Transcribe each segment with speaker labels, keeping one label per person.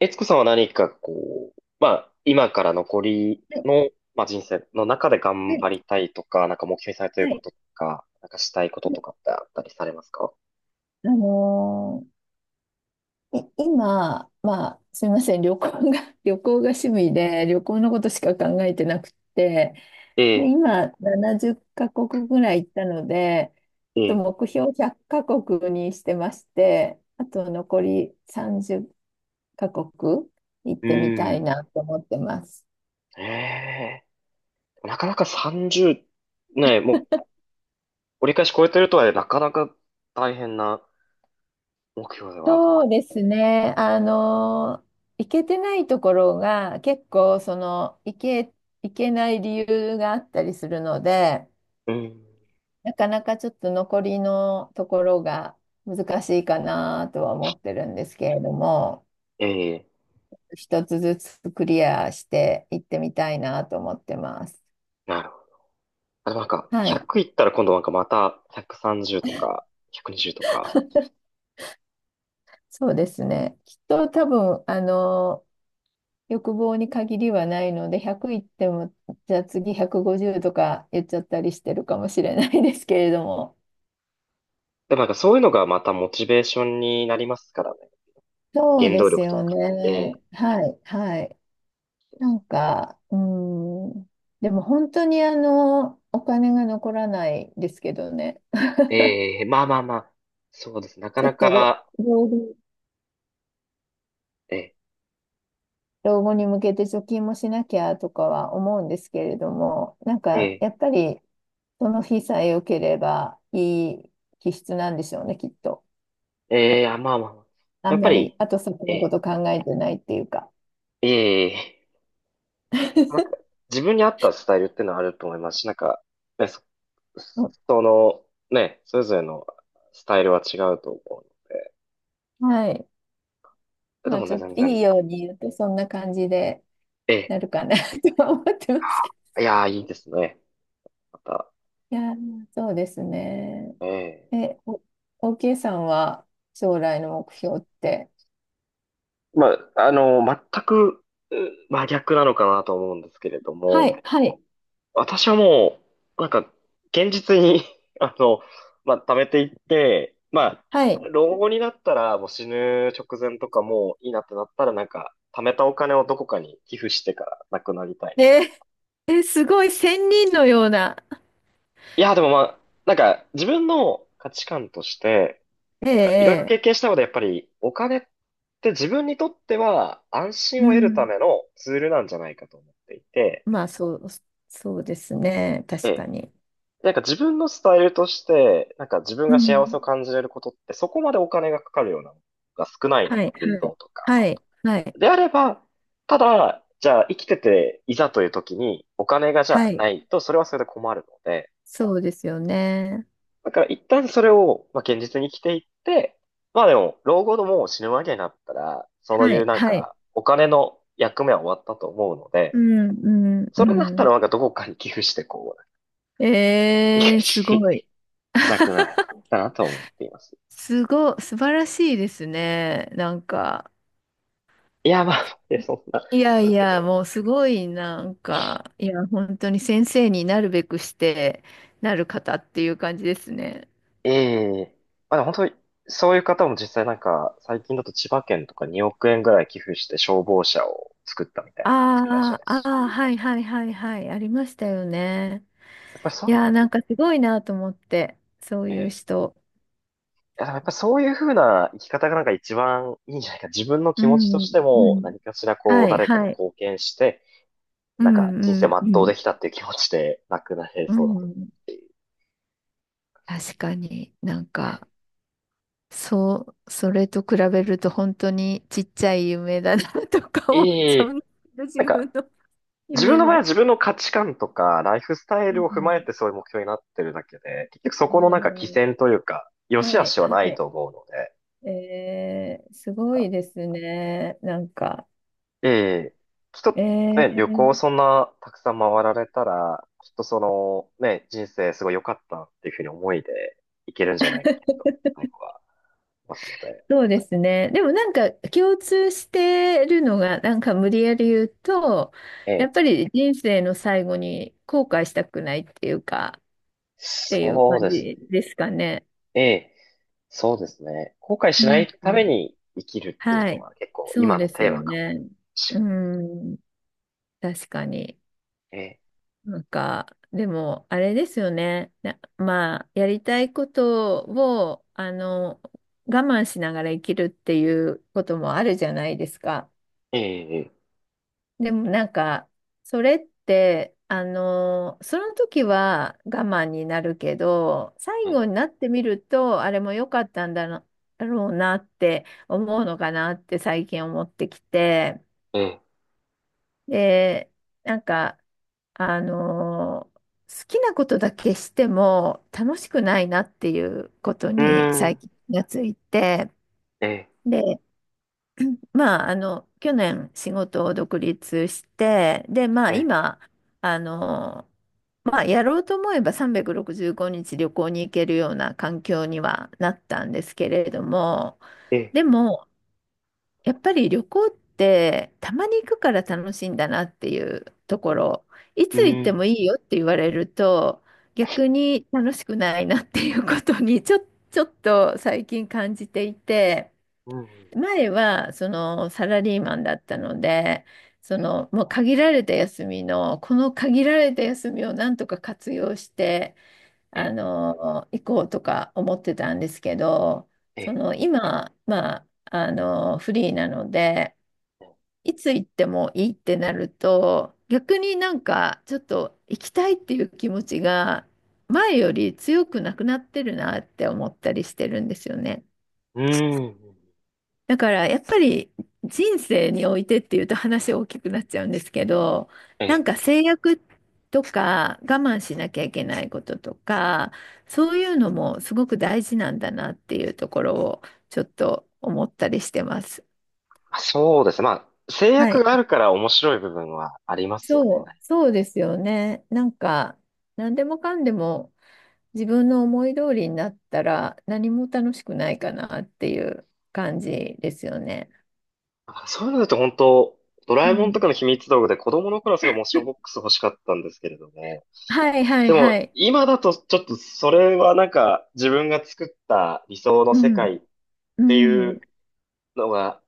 Speaker 1: えつこさんは何かこう、まあ、今から残り
Speaker 2: はい
Speaker 1: の、まあ、人生の中で
Speaker 2: は
Speaker 1: 頑
Speaker 2: い
Speaker 1: 張りたいとか、なんか目標にされている
Speaker 2: は
Speaker 1: こ
Speaker 2: い
Speaker 1: ととか、なんかしたいこととかってあったりされますか？
Speaker 2: あのー今、まあ、すみません、旅行が、旅行が趣味で、旅行のことしか考えてなくて、
Speaker 1: え
Speaker 2: で、
Speaker 1: え、
Speaker 2: 今、70カ国ぐらい行ったので、ちょ
Speaker 1: え
Speaker 2: っと
Speaker 1: え、
Speaker 2: 目標100カ国にしてまして、あと残り30カ国行っ
Speaker 1: う
Speaker 2: てみた
Speaker 1: ー
Speaker 2: い
Speaker 1: ん。
Speaker 2: なと思ってます。
Speaker 1: ええ、なかなか30、ねえ、もう折り返し超えてるとは、なかなか大変な目標では。
Speaker 2: そうですね。あの、行けてないところが結構その行け、行けない理由があったりするので、
Speaker 1: うん。
Speaker 2: なかなかちょっと残りのところが難しいかなとは思ってるんですけれども、
Speaker 1: ええ、
Speaker 2: 一つずつクリアして行ってみたいなと思ってます。
Speaker 1: なるほど。あ、でもなんか、
Speaker 2: はい。
Speaker 1: 100いったら今度なんかまた130とか、120とか。
Speaker 2: そうですね。きっと多分、あの、欲望に限りはないので、100いっても、じゃあ次150とか言っちゃったりしてるかもしれないですけれども。
Speaker 1: でもなんかそういうのがまたモチベーションになりますからね。
Speaker 2: そう
Speaker 1: 原
Speaker 2: で
Speaker 1: 動
Speaker 2: す
Speaker 1: 力という
Speaker 2: よ
Speaker 1: か。え
Speaker 2: ね。
Speaker 1: え
Speaker 2: はい、はい。なんか、うーん。でも本当にあの、お金が残らないですけどね。
Speaker 1: ええまあまあまあ。そうです。なか
Speaker 2: ちょ
Speaker 1: な
Speaker 2: っと老、
Speaker 1: か、
Speaker 2: 老後
Speaker 1: ええ
Speaker 2: 老後に向けて貯金もしなきゃとかは思うんですけれども、なんか
Speaker 1: え
Speaker 2: やっぱりその日さえ良ければいい気質なんでしょうね、きっと。
Speaker 1: えええあまあまあまあ。
Speaker 2: あ
Speaker 1: やっ
Speaker 2: ん
Speaker 1: ぱ
Speaker 2: まり
Speaker 1: り、
Speaker 2: 後先
Speaker 1: え
Speaker 2: のこ
Speaker 1: え
Speaker 2: と考えてないっていうか。
Speaker 1: ええなんか、自分に合ったスタイルっていうのはあると思いますし、なんか、ね、そ、
Speaker 2: うん。
Speaker 1: その、ね、それぞれのスタイルは違うと思
Speaker 2: はい。
Speaker 1: う。で
Speaker 2: まあ
Speaker 1: も
Speaker 2: ち
Speaker 1: ね、
Speaker 2: ょっ
Speaker 1: 全
Speaker 2: と
Speaker 1: 然、
Speaker 2: いいように言うとそんな感じでな
Speaker 1: え
Speaker 2: るかな とは思ってますけど。
Speaker 1: え、いやー、いいですね。また、
Speaker 2: いやー、そうですね。
Speaker 1: ええ、
Speaker 2: え、お、OK さんは将来の目標って。
Speaker 1: まあ、あの、全くう真逆なのかなと思うんですけれど
Speaker 2: は
Speaker 1: も、
Speaker 2: い、はい、
Speaker 1: 私はもう、なんか、現実に あの、まあ、貯めていって、ま
Speaker 2: は
Speaker 1: あ、
Speaker 2: い。
Speaker 1: 老後になったら、もう死ぬ直前とかもういいなってなったら、なんか、貯めたお金をどこかに寄付してから亡くなりたい
Speaker 2: え
Speaker 1: な。
Speaker 2: ー、えすごい仙人のような。
Speaker 1: いや、でもまあ、なんか、自分の価値観として、
Speaker 2: え
Speaker 1: なんか、いろいろ経
Speaker 2: えええ。
Speaker 1: 験したので、やっぱり、お金って自分にとっては安
Speaker 2: う
Speaker 1: 心を得るた
Speaker 2: ん。
Speaker 1: めのツールなんじゃないかと思っていて、
Speaker 2: まあ、そうですね。
Speaker 1: え
Speaker 2: 確か
Speaker 1: え。
Speaker 2: に。
Speaker 1: なんか自分のスタイルとして、なんか自分
Speaker 2: う
Speaker 1: が幸せ
Speaker 2: ん。
Speaker 1: を感じれることってそこまでお金がかかるようなのが少ない
Speaker 2: は
Speaker 1: の。
Speaker 2: い、は
Speaker 1: 運
Speaker 2: い、
Speaker 1: 動とか。
Speaker 2: はい、はい。
Speaker 1: であれば、ただ、じゃあ生きてていざという時にお金がじ
Speaker 2: は
Speaker 1: ゃあ
Speaker 2: い。
Speaker 1: ないとそれはそれで困るので、
Speaker 2: そうですよね。
Speaker 1: だから一旦それを、まあ、現実に生きていって、まあでも、老後のもう死ぬわけになったら、そう
Speaker 2: は
Speaker 1: いう
Speaker 2: い、
Speaker 1: なん
Speaker 2: はい。
Speaker 1: かお金の役目は終わったと思うの
Speaker 2: う
Speaker 1: で、
Speaker 2: ん、うん、う
Speaker 1: それだったらなん
Speaker 2: ん。
Speaker 1: かどこかに寄付してこう、いい感
Speaker 2: えー、す
Speaker 1: じに
Speaker 2: ごい。
Speaker 1: なくなるかなと思っています。
Speaker 2: 素晴らしいですね。なんか、
Speaker 1: いや、まあ、そんな、
Speaker 2: いや
Speaker 1: なん
Speaker 2: い
Speaker 1: ですけ
Speaker 2: や、
Speaker 1: ど。
Speaker 2: もうすごい、なんか、いや、本当に先生になるべくして、なる方っていう感じですね。
Speaker 1: ええ、まあでも本当に、そういう方も実際なんか、最近だと千葉県とか2億円ぐらい寄付して消防車を作ったみたいな方もいらっしゃい
Speaker 2: ああ、
Speaker 1: ます
Speaker 2: ああ、
Speaker 1: し、
Speaker 2: はいはいはいはい、ありましたよね。
Speaker 1: やっぱり
Speaker 2: い
Speaker 1: そ
Speaker 2: やー、なんかすごいなと思って、そういう
Speaker 1: う、ええ、
Speaker 2: 人。
Speaker 1: いやでもやっぱそういうふうな生き方がなんか一番いいんじゃないか。自分の
Speaker 2: う
Speaker 1: 気持ちとし
Speaker 2: ん、
Speaker 1: て
Speaker 2: う
Speaker 1: も
Speaker 2: ん。
Speaker 1: 何かしらこう
Speaker 2: はい
Speaker 1: 誰かに
Speaker 2: はい。
Speaker 1: 貢献して、
Speaker 2: う
Speaker 1: なんか人生
Speaker 2: ん、うん、う
Speaker 1: 全うで
Speaker 2: ん。
Speaker 1: きたっていう気持ちでなくなれ
Speaker 2: う
Speaker 1: そうだと思い
Speaker 2: ん。
Speaker 1: ま
Speaker 2: 確
Speaker 1: す。
Speaker 2: かになん
Speaker 1: ええ、
Speaker 2: か、そう、それと比べると本当にちっちゃい夢だな とか思っち
Speaker 1: い
Speaker 2: ゃ
Speaker 1: い。
Speaker 2: うんだけど、自
Speaker 1: なん
Speaker 2: 分
Speaker 1: か
Speaker 2: の
Speaker 1: 自分
Speaker 2: 夢
Speaker 1: の場合は
Speaker 2: も。
Speaker 1: 自分の価値観とか、ライフスタイ
Speaker 2: う
Speaker 1: ルを踏まえ
Speaker 2: ん、
Speaker 1: てそういう目標になってるだけで、結局
Speaker 2: あ
Speaker 1: そこのなんか起
Speaker 2: ー。
Speaker 1: 点というか、良し
Speaker 2: は
Speaker 1: 悪
Speaker 2: い、
Speaker 1: しは
Speaker 2: は
Speaker 1: ないと思うので、
Speaker 2: い。えー、すご
Speaker 1: なん
Speaker 2: い
Speaker 1: か
Speaker 2: ですね。なんか、
Speaker 1: ええ、きっと
Speaker 2: え
Speaker 1: ね、旅行
Speaker 2: ー、
Speaker 1: そんなたくさん回られたら、きっとそのね、人生すごい良かったっていうふうに思いでいけるんじゃないかなと、最後は思いますので、
Speaker 2: そうですね。でもなんか共通してるのが、なんか無理やり言うと、
Speaker 1: え
Speaker 2: やっ
Speaker 1: え、
Speaker 2: ぱり人生の最後に後悔したくないっていうか、っていう
Speaker 1: そう
Speaker 2: 感
Speaker 1: です
Speaker 2: じですかね。
Speaker 1: ね。ええ、そうですね。後悔
Speaker 2: う
Speaker 1: しな
Speaker 2: ん。
Speaker 1: いために生きるっていう
Speaker 2: は
Speaker 1: の
Speaker 2: い。
Speaker 1: は結構
Speaker 2: そう
Speaker 1: 今の
Speaker 2: です
Speaker 1: テー
Speaker 2: よ
Speaker 1: マかも
Speaker 2: ね。
Speaker 1: し
Speaker 2: う
Speaker 1: れない。
Speaker 2: ん。確かに。
Speaker 1: え
Speaker 2: なんか、でも、あれですよね。まあ、やりたいことを、あの、我慢しながら生きるっていうこともあるじゃないですか。
Speaker 1: え、ええ、ええ。
Speaker 2: でも、なんか、それって、あの、その時は我慢になるけど、最
Speaker 1: え
Speaker 2: 後になってみると、あれも良かったんだろうなって思うのかなって最近思ってきて。
Speaker 1: え、
Speaker 2: で、なんか、あのー好きなことだけしても楽しくないなっていうこと
Speaker 1: う
Speaker 2: に最
Speaker 1: ん、
Speaker 2: 近気がついて、
Speaker 1: ええ、
Speaker 2: で、まあ、あの、去年仕事を独立して、で、ま
Speaker 1: え
Speaker 2: あ、
Speaker 1: え、
Speaker 2: 今、あのーまあ、やろうと思えば365日旅行に行けるような環境にはなったんですけれども、
Speaker 1: ええ、
Speaker 2: でも、やっぱり旅行ってたまに行くから楽しいんだなっていうところ、い
Speaker 1: う
Speaker 2: つ行って
Speaker 1: ん、
Speaker 2: もいいよって言われると逆に楽しくないなっていうことにちょっと最近感じていて、
Speaker 1: うん、
Speaker 2: 前はそのサラリーマンだったので、そのもう限られた休みの、この限られた休みをなんとか活用して、
Speaker 1: え
Speaker 2: あ
Speaker 1: え、
Speaker 2: の、行こうとか思ってたんですけど、
Speaker 1: え
Speaker 2: そ
Speaker 1: え、
Speaker 2: の今、まあ、あのフリーなのでいつ行ってもいいってなると、逆になんかちょっと行きたいっていう気持ちが前より強くなくなってるなって思ったりしてるんですよね。
Speaker 1: うん、
Speaker 2: だからやっぱり人生においてっていうと話大きくなっちゃうんですけど、
Speaker 1: え
Speaker 2: なん
Speaker 1: え。
Speaker 2: か制約とか我慢しなきゃいけないこととか、そういうのもすごく大事なんだなっていうところをちょっと思ったりしてます。
Speaker 1: まあそうですね。まあ、制
Speaker 2: は
Speaker 1: 約
Speaker 2: い。
Speaker 1: があるから面白い部分はありますよね。
Speaker 2: そうですよね。なんか、何でもかんでも自分の思い通りになったら何も楽しくないかなっていう感じですよね。
Speaker 1: だからそういうのだと本当、ドラ
Speaker 2: う
Speaker 1: えもんと
Speaker 2: ん。
Speaker 1: かの秘密道具で子供の頃はすごいモーションボックス欲しかったんですけれども、
Speaker 2: はいはいはい。
Speaker 1: 今だとちょっとそれはなんか自分が作った理想の
Speaker 2: う
Speaker 1: 世界
Speaker 2: ん。
Speaker 1: っ
Speaker 2: う
Speaker 1: てい
Speaker 2: ん。
Speaker 1: うのが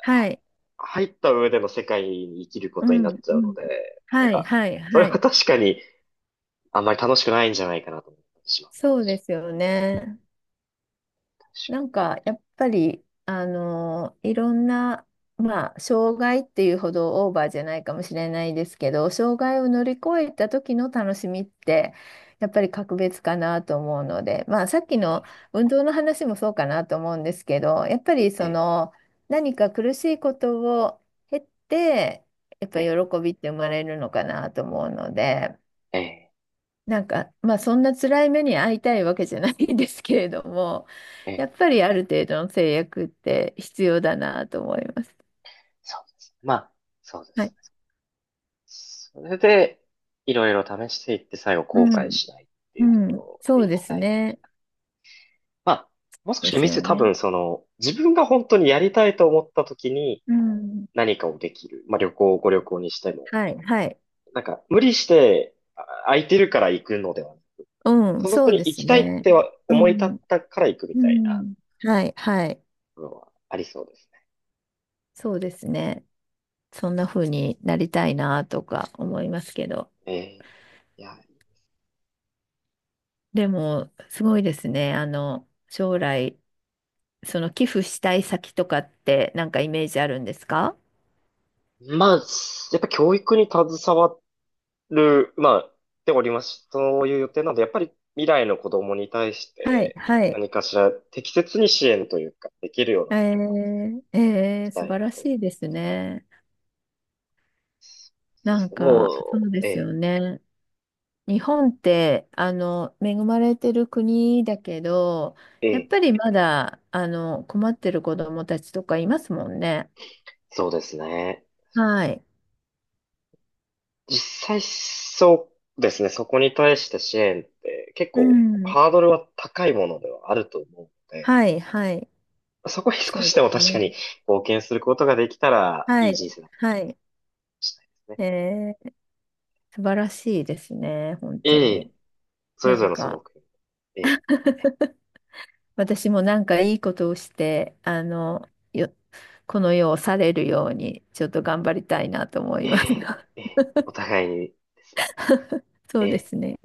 Speaker 2: はい。
Speaker 1: 入った上での世界に生きるこ
Speaker 2: う
Speaker 1: とに
Speaker 2: ん。
Speaker 1: なっち
Speaker 2: う
Speaker 1: ゃうの
Speaker 2: ん。
Speaker 1: で、なん
Speaker 2: はい
Speaker 1: か、
Speaker 2: はい
Speaker 1: それ
Speaker 2: は
Speaker 1: は
Speaker 2: い。
Speaker 1: 確かにあんまり楽しくないんじゃないかなと思ってしまっ
Speaker 2: そうですよね。
Speaker 1: たりし
Speaker 2: なん
Speaker 1: ま
Speaker 2: か、やっぱり、あのいろんな、まあ、障害っていうほどオーバーじゃないかもしれないですけど、障害を乗り越えた時の楽しみって、やっぱり格別かなと思うので、まあ、さっきの運動の話もそうかなと思うんですけど、やっぱり
Speaker 1: す。え
Speaker 2: そ
Speaker 1: え、
Speaker 2: の、何か苦しいことを経って、やっぱ
Speaker 1: え
Speaker 2: り
Speaker 1: え、
Speaker 2: 喜びって生まれるのかなと思うので、
Speaker 1: え
Speaker 2: なんか、まあそんな辛い目に遭いたいわけじゃないんですけれども、
Speaker 1: え、
Speaker 2: やっぱりある程度の制約って必要だなと思います。
Speaker 1: そうですね。まあ、そうで
Speaker 2: は
Speaker 1: す
Speaker 2: い。
Speaker 1: ね。それで、いろいろ試していって最後
Speaker 2: う
Speaker 1: 後悔
Speaker 2: ん。
Speaker 1: しないって
Speaker 2: う
Speaker 1: いうとこ
Speaker 2: ん。
Speaker 1: ろ
Speaker 2: そ
Speaker 1: で
Speaker 2: う
Speaker 1: い
Speaker 2: で
Speaker 1: き
Speaker 2: す
Speaker 1: たい。
Speaker 2: ね。
Speaker 1: まあ、もう少
Speaker 2: で
Speaker 1: し
Speaker 2: すよ
Speaker 1: 多
Speaker 2: ね。
Speaker 1: 分その、自分が本当にやりたいと思った時に
Speaker 2: うん。
Speaker 1: 何かをできる。まあご旅行にしても。
Speaker 2: はい。はい。
Speaker 1: なんか、無理して、あ、空いてるから行くのでは
Speaker 2: うん。
Speaker 1: そ
Speaker 2: そ
Speaker 1: こ
Speaker 2: う
Speaker 1: に
Speaker 2: で
Speaker 1: 行
Speaker 2: す
Speaker 1: きたいっ
Speaker 2: ね。
Speaker 1: ては
Speaker 2: う
Speaker 1: 思い立っ
Speaker 2: ん。
Speaker 1: たから行くみた
Speaker 2: う
Speaker 1: いな
Speaker 2: ん。はい。はい。
Speaker 1: のはありそうですね。
Speaker 2: そうですね。そんな風になりたいなとか思いますけど。
Speaker 1: ええ、いや、
Speaker 2: でも、すごいですね。あの、将来、その寄付したい先とかってなんかイメージあるんですか。
Speaker 1: まあ、やっぱ教育に携わる、まあ、でおります。そういう予定なので、やっぱり未来の子供に対し
Speaker 2: はい、
Speaker 1: て
Speaker 2: はい。
Speaker 1: 何かしら適切に支援というか、できるような
Speaker 2: え
Speaker 1: ことを
Speaker 2: ー、え
Speaker 1: し
Speaker 2: ー
Speaker 1: た
Speaker 2: 素
Speaker 1: い
Speaker 2: 晴
Speaker 1: な
Speaker 2: ら
Speaker 1: と思い
Speaker 2: しいですね。
Speaker 1: ます。で
Speaker 2: な
Speaker 1: す
Speaker 2: ん
Speaker 1: ね。
Speaker 2: か、
Speaker 1: も
Speaker 2: そ
Speaker 1: う、
Speaker 2: うで
Speaker 1: え
Speaker 2: す
Speaker 1: え、
Speaker 2: よね。日本って、あの、恵まれてる国だけど、
Speaker 1: え
Speaker 2: やっ
Speaker 1: え、
Speaker 2: ぱりまだ、あの、困ってる子どもたちとかいますもんね。
Speaker 1: そうですね。
Speaker 2: はい。
Speaker 1: 実際そうですね、そこに対して支援って結
Speaker 2: う
Speaker 1: 構
Speaker 2: ん。
Speaker 1: ハードルは高いものではあると思うので、
Speaker 2: はい、はい。
Speaker 1: そこに少
Speaker 2: そう
Speaker 1: しで
Speaker 2: で
Speaker 1: も
Speaker 2: す
Speaker 1: 確かに
Speaker 2: ね。
Speaker 1: 貢献することができたら
Speaker 2: は
Speaker 1: いい
Speaker 2: い、
Speaker 1: 人生だったかも
Speaker 2: はい。
Speaker 1: しれないですね。
Speaker 2: えー、素晴らしいですね、本当
Speaker 1: え
Speaker 2: に。
Speaker 1: え、それ
Speaker 2: な
Speaker 1: ぞれ
Speaker 2: ん
Speaker 1: のその
Speaker 2: か、
Speaker 1: 目標。え
Speaker 2: 私もなんかいいことをして、あの、よ、この世を去れるように、ちょっと頑張りたいなと思
Speaker 1: え、
Speaker 2: い
Speaker 1: え
Speaker 2: ますが。
Speaker 1: え、ええ、お互いにですね。
Speaker 2: そ
Speaker 1: え
Speaker 2: うで
Speaker 1: え。
Speaker 2: すね。